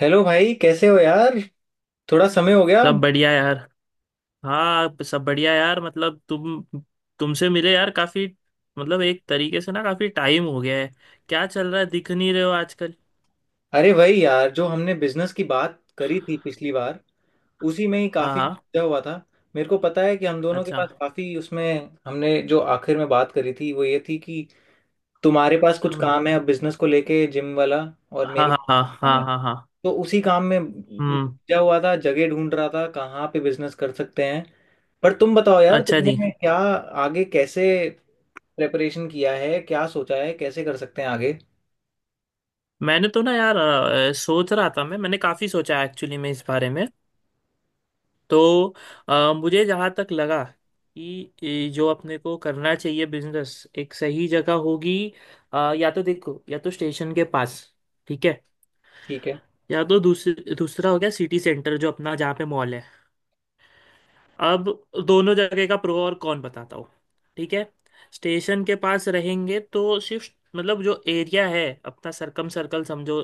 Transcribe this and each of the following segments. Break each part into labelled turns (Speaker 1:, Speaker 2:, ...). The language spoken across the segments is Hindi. Speaker 1: हेलो भाई, कैसे हो यार। थोड़ा समय हो गया।
Speaker 2: सब बढ़िया यार। हाँ, सब बढ़िया यार, मतलब तुमसे मिले यार काफी। मतलब एक तरीके से ना काफी टाइम हो गया है। क्या चल रहा है? दिख नहीं रहे हो आजकल।
Speaker 1: अरे भाई यार, जो हमने बिजनेस की बात करी थी पिछली बार, उसी में ही
Speaker 2: हाँ
Speaker 1: काफी
Speaker 2: हाँ।
Speaker 1: उलझा हुआ था। मेरे को पता है कि हम दोनों के
Speaker 2: अच्छा।
Speaker 1: पास काफी उसमें। हमने जो आखिर में बात करी थी वो ये थी कि तुम्हारे पास कुछ
Speaker 2: अम,
Speaker 1: काम है अब बिजनेस को लेके, जिम वाला, और
Speaker 2: हाँ
Speaker 1: मेरे
Speaker 2: हाँ
Speaker 1: पास कुछ
Speaker 2: हाँ
Speaker 1: काम है।
Speaker 2: हाँ हाँ हाँ।
Speaker 1: तो उसी काम में मैं
Speaker 2: हम्म।
Speaker 1: उलझा हुआ था, जगह ढूंढ रहा था कहाँ पे बिजनेस कर सकते हैं। पर तुम बताओ यार,
Speaker 2: अच्छा जी।
Speaker 1: तुमने क्या आगे कैसे प्रेपरेशन किया है, क्या सोचा है, कैसे कर सकते हैं आगे।
Speaker 2: मैंने तो ना यार सोच रहा था। मैंने काफी सोचा एक्चुअली में इस बारे में। तो मुझे जहाँ तक लगा कि ये जो अपने को करना चाहिए बिजनेस, एक सही जगह होगी। या तो देखो, या तो स्टेशन के पास। ठीक है।
Speaker 1: ठीक है।
Speaker 2: या तो दूसरा हो गया सिटी सेंटर, जो अपना जहाँ पे मॉल है। अब दोनों जगह का प्रो और कॉन बताता हूँ। ठीक है। स्टेशन के पास रहेंगे तो सिर्फ मतलब जो एरिया है अपना, सरकम सर्कल समझो,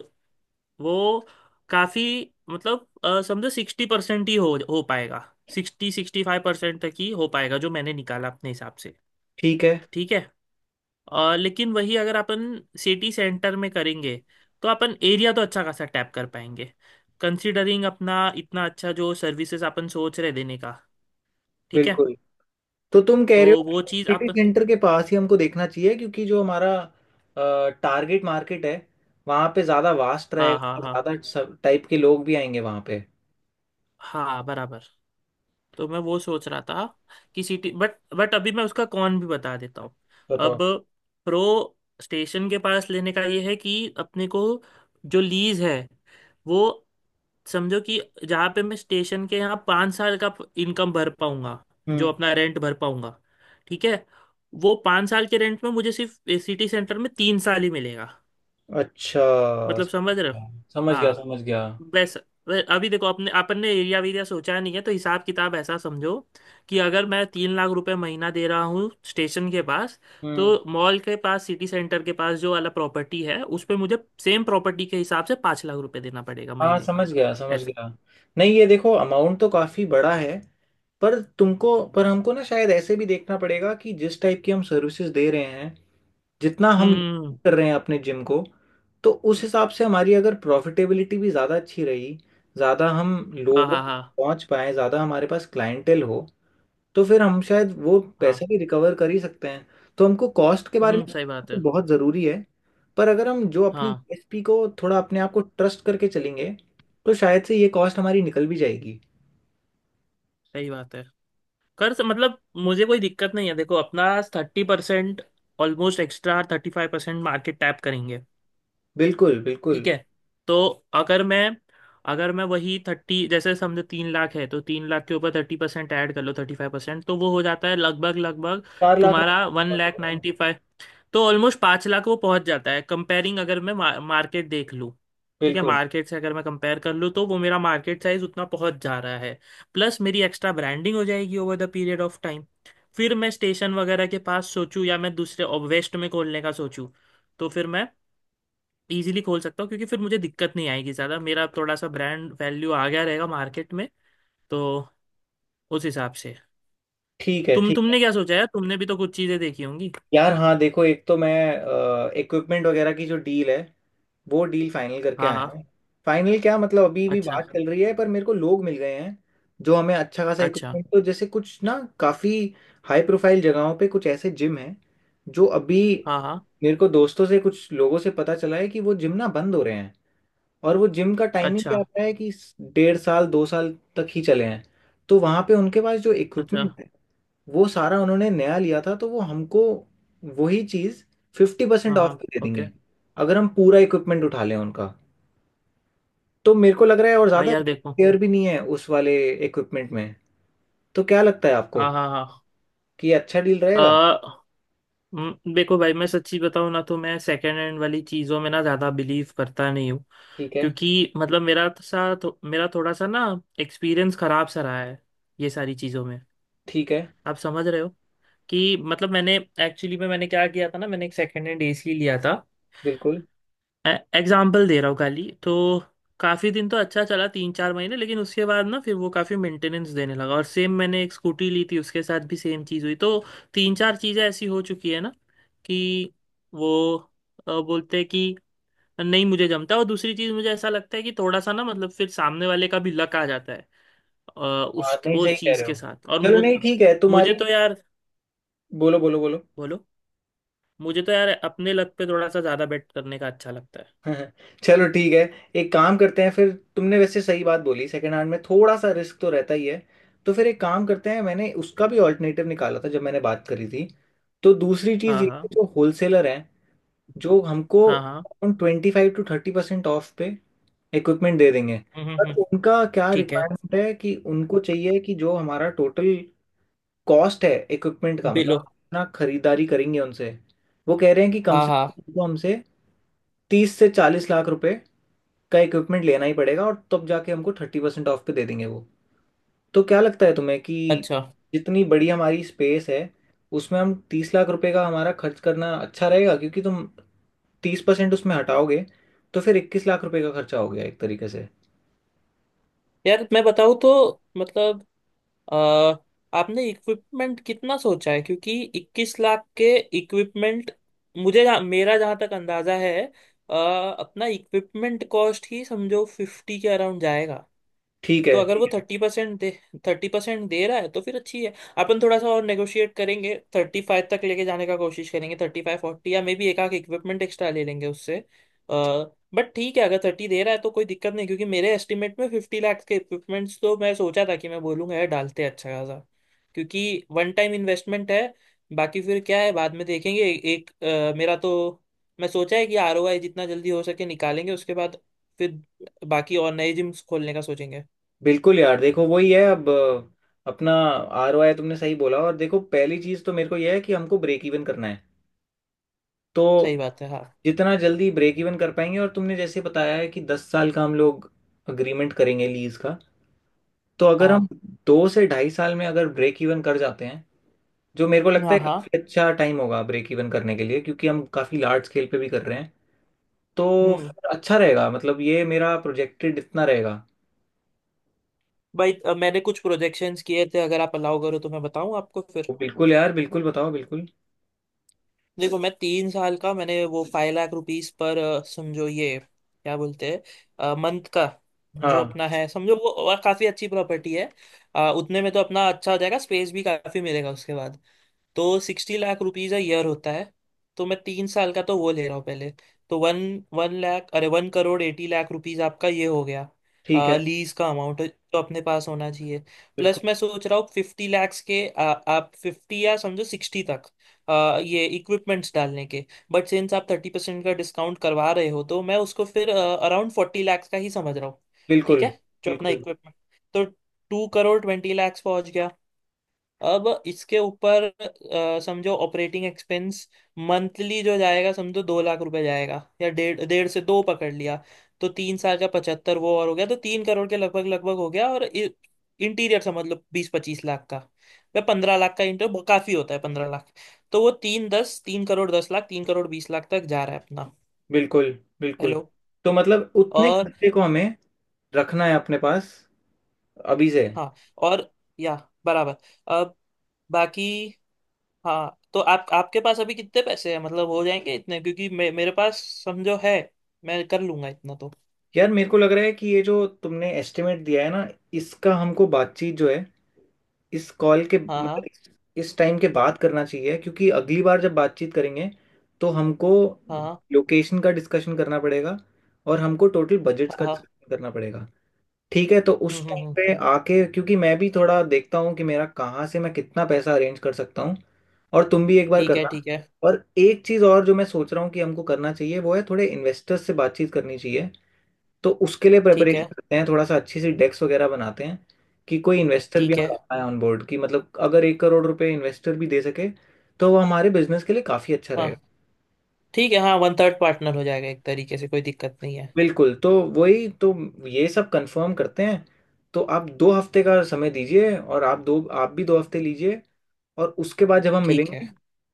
Speaker 2: वो काफ़ी मतलब समझो 60% ही हो पाएगा। 60-65% तक ही हो पाएगा, जो मैंने निकाला अपने हिसाब से।
Speaker 1: ठीक है।
Speaker 2: ठीक है। लेकिन वही अगर अपन सिटी सेंटर में करेंगे तो अपन एरिया तो अच्छा खासा टैप कर पाएंगे, कंसीडरिंग अपना इतना अच्छा जो सर्विसेज अपन सोच रहे देने का। ठीक है।
Speaker 1: बिल्कुल। तो तुम कह रहे
Speaker 2: तो वो
Speaker 1: हो
Speaker 2: चीज़ आप।
Speaker 1: सिटी सेंटर के पास ही हमको देखना चाहिए क्योंकि जो हमारा टारगेट मार्केट है, वहाँ पे ज़्यादा वास्ट
Speaker 2: हाँ हाँ
Speaker 1: रहेगा,
Speaker 2: हाँ।
Speaker 1: ज़्यादा सब टाइप के लोग भी आएंगे वहाँ पे।
Speaker 2: हाँ, बराबर। तो मैं वो सोच रहा था कि सिटी बट अभी मैं उसका कौन भी बता देता हूँ।
Speaker 1: बताओ।
Speaker 2: अब प्रो स्टेशन के पास लेने का ये है कि अपने को, जो लीज है वो, समझो कि जहाँ पे मैं स्टेशन के यहाँ 5 साल का इनकम भर पाऊंगा, जो
Speaker 1: हम्म।
Speaker 2: अपना रेंट भर पाऊंगा। ठीक है। वो 5 साल के रेंट में मुझे सिर्फ सिटी सेंटर में 3 साल ही मिलेगा।
Speaker 1: अच्छा।
Speaker 2: मतलब समझ रहे हो?
Speaker 1: समझ गया,
Speaker 2: हाँ।
Speaker 1: समझ गया।
Speaker 2: वैसा अभी देखो अपन ने एरिया वेरिया सोचा नहीं है, तो हिसाब किताब ऐसा समझो कि अगर मैं 3 लाख रुपए महीना दे रहा हूँ स्टेशन के पास,
Speaker 1: हम्म।
Speaker 2: तो मॉल के पास, सिटी सेंटर के पास जो वाला प्रॉपर्टी है उस पे मुझे सेम प्रॉपर्टी के हिसाब से 5 लाख रुपए देना पड़ेगा
Speaker 1: हाँ,
Speaker 2: महीने
Speaker 1: समझ
Speaker 2: का
Speaker 1: गया, समझ
Speaker 2: ऐसे।
Speaker 1: गया। नहीं, ये देखो अमाउंट तो काफ़ी बड़ा है, पर तुमको पर हमको ना शायद ऐसे भी देखना पड़ेगा कि जिस टाइप की हम सर्विसेज दे रहे हैं, जितना हम
Speaker 2: हम्म।
Speaker 1: कर रहे हैं अपने जिम को, तो उस हिसाब से हमारी अगर प्रॉफिटेबिलिटी भी ज़्यादा अच्छी रही, ज़्यादा हम
Speaker 2: हाँ
Speaker 1: लोगों
Speaker 2: हाँ
Speaker 1: तक
Speaker 2: हाँ
Speaker 1: पहुंच पाए, ज़्यादा हमारे पास क्लाइंटेल हो, तो फिर हम शायद वो
Speaker 2: हाँ।
Speaker 1: पैसा भी रिकवर कर ही सकते हैं। तो हमको कॉस्ट के बारे में
Speaker 2: हम्म, सही
Speaker 1: सोचना
Speaker 2: बात
Speaker 1: तो
Speaker 2: है।
Speaker 1: बहुत ज़रूरी है, पर अगर हम जो अपनी
Speaker 2: हाँ,
Speaker 1: यूएसपी को थोड़ा अपने आप को ट्रस्ट करके चलेंगे, तो शायद से ये कॉस्ट हमारी निकल भी जाएगी।
Speaker 2: सही बात है। मतलब मुझे कोई दिक्कत नहीं है। देखो अपना 30%, ऑलमोस्ट एक्स्ट्रा 35% मार्केट टैप करेंगे।
Speaker 1: बिल्कुल,
Speaker 2: ठीक
Speaker 1: बिल्कुल।
Speaker 2: है। तो अगर मैं अगर मैं वही थर्टी, जैसे समझो 3 लाख है तो 3 लाख के ऊपर 30% ऐड कर लो, 35%, तो वो हो जाता है लगभग लगभग
Speaker 1: चार लाख
Speaker 2: तुम्हारा वन,
Speaker 1: रुपए
Speaker 2: तो ऑलमोस्ट 5 लाख वो पहुंच जाता है कंपेयरिंग, अगर मैं मार्केट देख लूँ। ठीक है,
Speaker 1: बिल्कुल।
Speaker 2: मार्केट से अगर मैं कंपेयर कर लूँ तो वो मेरा मार्केट साइज उतना पहुंच जा रहा है। प्लस मेरी एक्स्ट्रा ब्रांडिंग हो जाएगी over the period of time. फिर मैं स्टेशन वगैरह के पास सोचूं या मैं दूसरे वेस्ट में खोलने का सोचूं, तो फिर मैं इजीली खोल सकता हूँ क्योंकि फिर मुझे दिक्कत नहीं आएगी ज़्यादा। मेरा थोड़ा सा ब्रांड वैल्यू आ गया रहेगा मार्केट में, तो उस हिसाब से।
Speaker 1: ठीक है। ठीक है।
Speaker 2: तुमने क्या सोचा है? तुमने भी तो कुछ चीज़ें देखी होंगी।
Speaker 1: यार हाँ, देखो एक तो मैं इक्विपमेंट वगैरह की जो डील है, वो डील फाइनल करके
Speaker 2: हाँ
Speaker 1: आया
Speaker 2: हाँ।
Speaker 1: है। फाइनल क्या मतलब अभी भी
Speaker 2: अच्छा।
Speaker 1: बात चल रही है, पर मेरे को लोग मिल गए हैं जो हमें अच्छा खासा
Speaker 2: अच्छा।
Speaker 1: इक्विपमेंट तो जैसे कुछ ना, काफ़ी हाई प्रोफाइल जगहों पे कुछ ऐसे जिम हैं जो अभी,
Speaker 2: हाँ हाँ।
Speaker 1: मेरे को दोस्तों से कुछ लोगों से पता चला है कि वो जिम ना बंद हो रहे हैं। और वो जिम का टाइमिंग
Speaker 2: अच्छा।
Speaker 1: क्या आता है कि डेढ़ साल 2 साल तक ही चले हैं। तो वहाँ पे उनके पास जो
Speaker 2: अच्छा।
Speaker 1: इक्विपमेंट है, वो सारा उन्होंने नया लिया था, तो वो हमको वही चीज़ फिफ्टी
Speaker 2: हाँ
Speaker 1: परसेंट ऑफ
Speaker 2: हाँ।
Speaker 1: भी दे
Speaker 2: ओके।
Speaker 1: देंगे अगर हम पूरा इक्विपमेंट उठा लें उनका। तो मेरे को लग रहा है और
Speaker 2: हाँ
Speaker 1: ज़्यादा
Speaker 2: यार देखो।
Speaker 1: केयर भी नहीं है उस वाले इक्विपमेंट में। तो क्या लगता है आपको
Speaker 2: हाँ हाँ हाँ।
Speaker 1: कि ये अच्छा डील
Speaker 2: अ,
Speaker 1: रहेगा।
Speaker 2: देखो भाई, मैं सच्ची बताऊँ ना, तो मैं सेकेंड हैंड वाली चीज़ों में ना ज़्यादा बिलीव करता नहीं हूँ।
Speaker 1: ठीक है।
Speaker 2: क्योंकि मतलब मेरा थोड़ा सा ना एक्सपीरियंस खराब सा रहा है ये सारी चीज़ों में।
Speaker 1: ठीक है।
Speaker 2: आप समझ रहे हो कि मतलब मैंने, एक्चुअली में मैंने क्या किया था ना, मैंने एक सेकेंड हैंड एसी लिया था,
Speaker 1: बिल्कुल।
Speaker 2: एग्जाम्पल दे रहा हूँ खाली, तो काफ़ी दिन तो अच्छा चला, 3-4 महीने, लेकिन उसके बाद ना फिर वो काफ़ी मेंटेनेंस देने लगा। और सेम मैंने एक स्कूटी ली थी, उसके साथ भी सेम चीज़ हुई। तो तीन चार चीज़ें ऐसी हो चुकी है ना, कि वो बोलते हैं कि नहीं मुझे जमता। और दूसरी चीज़ मुझे ऐसा लगता है कि थोड़ा सा ना मतलब फिर सामने वाले का भी लक आ जाता है अ,
Speaker 1: हाँ
Speaker 2: उस
Speaker 1: नहीं,
Speaker 2: वो
Speaker 1: सही कह
Speaker 2: चीज़
Speaker 1: रहे
Speaker 2: के
Speaker 1: हो।
Speaker 2: साथ, और
Speaker 1: चलो नहीं, ठीक है तुम्हारी।
Speaker 2: मुझे तो यार।
Speaker 1: बोलो, बोलो, बोलो।
Speaker 2: बोलो। मुझे तो यार अपने लक पे थोड़ा सा ज़्यादा बेट करने का अच्छा लगता है।
Speaker 1: हाँ, चलो ठीक है। एक काम करते हैं, फिर तुमने वैसे सही बात बोली, सेकंड हैंड में थोड़ा सा रिस्क तो रहता ही है। तो फिर एक काम करते हैं, मैंने उसका भी ऑल्टरनेटिव निकाला था जब मैंने बात करी थी। तो दूसरी चीज़
Speaker 2: हाँ
Speaker 1: ये है,
Speaker 2: हाँ
Speaker 1: जो होलसेलर हैं, जो हमको
Speaker 2: हाँ हाँ।
Speaker 1: 25 to 30% ऑफ पे इक्विपमेंट दे देंगे।
Speaker 2: हम्म हम्म
Speaker 1: पर
Speaker 2: हम्म,
Speaker 1: उनका क्या
Speaker 2: ठीक है।
Speaker 1: रिक्वायरमेंट है कि उनको चाहिए कि जो हमारा टोटल कॉस्ट है इक्विपमेंट का, मतलब
Speaker 2: बिलो।
Speaker 1: हम अपना खरीदारी करेंगे उनसे, वो कह रहे हैं कि कम
Speaker 2: हाँ
Speaker 1: से
Speaker 2: हाँ।
Speaker 1: कम उनको हमसे 30 से 40 लाख रुपए का इक्विपमेंट लेना ही पड़ेगा, और तब जाके हमको 30% ऑफ पे दे देंगे वो। तो क्या लगता है तुम्हें कि
Speaker 2: अच्छा।
Speaker 1: जितनी बड़ी हमारी स्पेस है, उसमें हम 30 लाख रुपए का हमारा खर्च करना अच्छा रहेगा, क्योंकि तुम 30% उसमें हटाओगे तो फिर 21 लाख रुपए का खर्चा हो गया एक तरीके से।
Speaker 2: यार मैं बताऊँ तो मतलब अ, आपने इक्विपमेंट कितना सोचा है? क्योंकि 21 लाख के इक्विपमेंट, मेरा जहाँ तक अंदाजा है, अपना इक्विपमेंट कॉस्ट ही समझो 50 के अराउंड जाएगा।
Speaker 1: ठीक
Speaker 2: तो
Speaker 1: है।
Speaker 2: अगर वो 30% दे रहा है तो फिर अच्छी है। अपन थोड़ा सा और नेगोशिएट करेंगे, 35 तक लेके जाने का कोशिश करेंगे, 35-40, या मे बी एक आख इक्विपमेंट एक्स्ट्रा ले लेंगे उससे। बट ठीक है, अगर 30 दे रहा है तो कोई दिक्कत नहीं, क्योंकि मेरे एस्टिमेट में 50 लाख के इक्विपमेंट्स तो मैं सोचा था कि मैं बोलूंगा यार डालते हैं अच्छा खासा, क्योंकि वन टाइम इन्वेस्टमेंट है। बाकी फिर क्या है बाद में देखेंगे। एक मेरा तो मैं सोचा है कि आरओआई जितना जल्दी हो सके निकालेंगे, उसके बाद फिर बाकी और नए जिम्स खोलने का सोचेंगे।
Speaker 1: बिल्कुल यार, देखो वही है। अब अपना आर ओ आई तुमने सही बोला। और देखो, पहली चीज तो मेरे को यह है कि हमको ब्रेक इवन करना है। तो
Speaker 2: सही बात है। हाँ
Speaker 1: जितना जल्दी ब्रेक इवन कर पाएंगे, और तुमने जैसे बताया है कि 10 साल का हम लोग अग्रीमेंट करेंगे लीज का, तो अगर हम
Speaker 2: हाँ
Speaker 1: 2 से ढाई साल में अगर ब्रेक इवन कर जाते हैं, जो मेरे को लगता
Speaker 2: हाँ
Speaker 1: है
Speaker 2: हाँ।
Speaker 1: काफी अच्छा टाइम होगा ब्रेक इवन करने के लिए, क्योंकि हम काफी लार्ज स्केल पे भी कर रहे हैं, तो
Speaker 2: हम्म।
Speaker 1: फिर अच्छा रहेगा। मतलब ये मेरा प्रोजेक्टेड इतना रहेगा।
Speaker 2: भाई मैंने कुछ प्रोजेक्शंस किए थे, अगर आप अलाउ करो तो मैं बताऊं आपको फिर।
Speaker 1: तो बिल्कुल यार, बिल्कुल बताओ, बिल्कुल।
Speaker 2: देखो मैं 3 साल का मैंने वो 5 लाख रुपीस पर समझो ये क्या बोलते हैं मंथ का, जो
Speaker 1: हाँ।
Speaker 2: अपना है समझो वो और काफी अच्छी प्रॉपर्टी है। उतने में तो अपना अच्छा हो जाएगा, स्पेस भी काफी मिलेगा। उसके बाद तो 60 लाख रुपीज अ ईयर होता है। तो मैं 3 साल का तो वो ले रहा हूँ पहले, तो वन वन लाख अरे 1 करोड़ 80 लाख रुपीज आपका ये हो गया,
Speaker 1: ठीक है।
Speaker 2: लीज का अमाउंट जो अपने पास होना चाहिए। प्लस
Speaker 1: बिल्कुल,
Speaker 2: मैं सोच रहा हूँ 50 लैक्स के आप 50 या समझो 60 तक ये इक्विपमेंट्स डालने के, बट सिंस आप 30% का डिस्काउंट करवा रहे हो तो मैं उसको फिर अराउंड 40 लैक्स का ही समझ रहा हूँ। ठीक
Speaker 1: बिल्कुल,
Speaker 2: है, जो अपना
Speaker 1: बिल्कुल,
Speaker 2: इक्विपमेंट। तो 2 करोड़ 20 लैक्स पहुंच गया। अब इसके ऊपर समझो ऑपरेटिंग एक्सपेंस मंथली जो जाएगा समझो 2 लाख रुपए जाएगा, या डेढ़ डेढ़ से दो पकड़ लिया, तो 3 साल का 75 वो और हो गया। तो 3 करोड़ के लगभग लगभग हो गया। और इंटीरियर समझ लो 20-25 लाख का। वह 15 लाख का इंटीरियर बहुत काफी होता है, 15 लाख। तो वो तीन दस 3 करोड़ 10 लाख 3 करोड़ 20 लाख तक जा रहा है अपना।
Speaker 1: बिल्कुल, बिल्कुल।
Speaker 2: हेलो।
Speaker 1: तो मतलब उतने
Speaker 2: और।
Speaker 1: खर्चे को हमें रखना है अपने पास अभी से।
Speaker 2: हाँ और। या। बराबर। अब। बाकी। हाँ तो आप, आपके पास अभी कितने पैसे हैं? मतलब हो जाएंगे इतने, क्योंकि मेरे पास समझो है, मैं कर लूंगा इतना तो।
Speaker 1: यार मेरे को लग रहा है कि ये जो तुमने एस्टिमेट दिया है ना, इसका हमको बातचीत जो है, इस कॉल के
Speaker 2: हाँ
Speaker 1: मतलब
Speaker 2: हाँ
Speaker 1: इस टाइम के बाद करना चाहिए, क्योंकि अगली बार जब बातचीत करेंगे तो हमको
Speaker 2: हाँ
Speaker 1: लोकेशन का डिस्कशन करना पड़ेगा, और हमको टोटल बजट्स का
Speaker 2: हाँ हाँ हाँ।
Speaker 1: डिस्कशन करना पड़ेगा। ठीक है, तो
Speaker 2: हम्म
Speaker 1: उस
Speaker 2: हम्म
Speaker 1: टाइम
Speaker 2: हम्म,
Speaker 1: पे आके, क्योंकि मैं भी थोड़ा देखता हूँ कि मेरा कहाँ से मैं कितना पैसा अरेंज कर सकता हूँ, और तुम भी एक बार
Speaker 2: ठीक है।
Speaker 1: करना।
Speaker 2: ठीक है।
Speaker 1: और एक चीज़ और जो मैं सोच रहा हूँ कि हमको करना चाहिए, वो है थोड़े इन्वेस्टर्स से बातचीत करनी चाहिए। तो उसके लिए
Speaker 2: ठीक
Speaker 1: प्रिपरेशन
Speaker 2: है।
Speaker 1: करते हैं, थोड़ा सा अच्छी सी डेस्क वगैरह बनाते हैं, कि कोई इन्वेस्टर भी
Speaker 2: ठीक
Speaker 1: हम
Speaker 2: है।
Speaker 1: ला पाए ऑन बोर्ड, कि मतलब अगर 1 करोड़ रुपए इन्वेस्टर भी दे सके तो वो हमारे बिजनेस के लिए काफ़ी अच्छा
Speaker 2: हाँ।
Speaker 1: रहेगा।
Speaker 2: ठीक है, हाँ 1/3 पार्टनर हो जाएगा एक तरीके से, कोई दिक्कत नहीं है।
Speaker 1: बिल्कुल। तो वही तो, ये सब कंफर्म करते हैं। तो आप 2 हफ्ते का समय दीजिए, और आप दो, आप भी 2 हफ्ते लीजिए, और उसके बाद जब हम
Speaker 2: ठीक है,
Speaker 1: मिलेंगे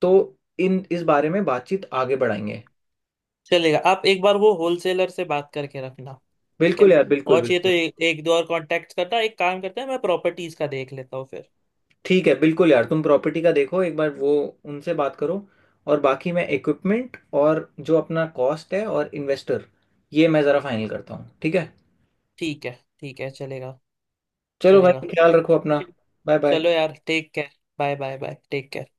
Speaker 1: तो इन इस बारे में बातचीत आगे बढ़ाएंगे।
Speaker 2: चलेगा। आप एक बार वो होलसेलर से बात करके रखना। ठीक
Speaker 1: बिल्कुल
Speaker 2: है।
Speaker 1: यार, बिल्कुल,
Speaker 2: और चाहिए तो
Speaker 1: बिल्कुल।
Speaker 2: एक दो और कांटेक्ट करना। एक काम करते हैं, मैं प्रॉपर्टीज का देख लेता हूँ फिर।
Speaker 1: ठीक है। बिल्कुल यार, तुम प्रॉपर्टी का देखो एक बार, वो उनसे बात करो, और बाकी मैं इक्विपमेंट और जो अपना कॉस्ट है और इन्वेस्टर, ये मैं ज़रा फाइनल करता हूँ, ठीक है।
Speaker 2: ठीक है। ठीक है चलेगा।
Speaker 1: चलो
Speaker 2: चलेगा।
Speaker 1: भाई, ख्याल रखो
Speaker 2: ठीक
Speaker 1: अपना।
Speaker 2: है।
Speaker 1: Bye bye.
Speaker 2: चलो यार, take care. Bye bye bye, take care.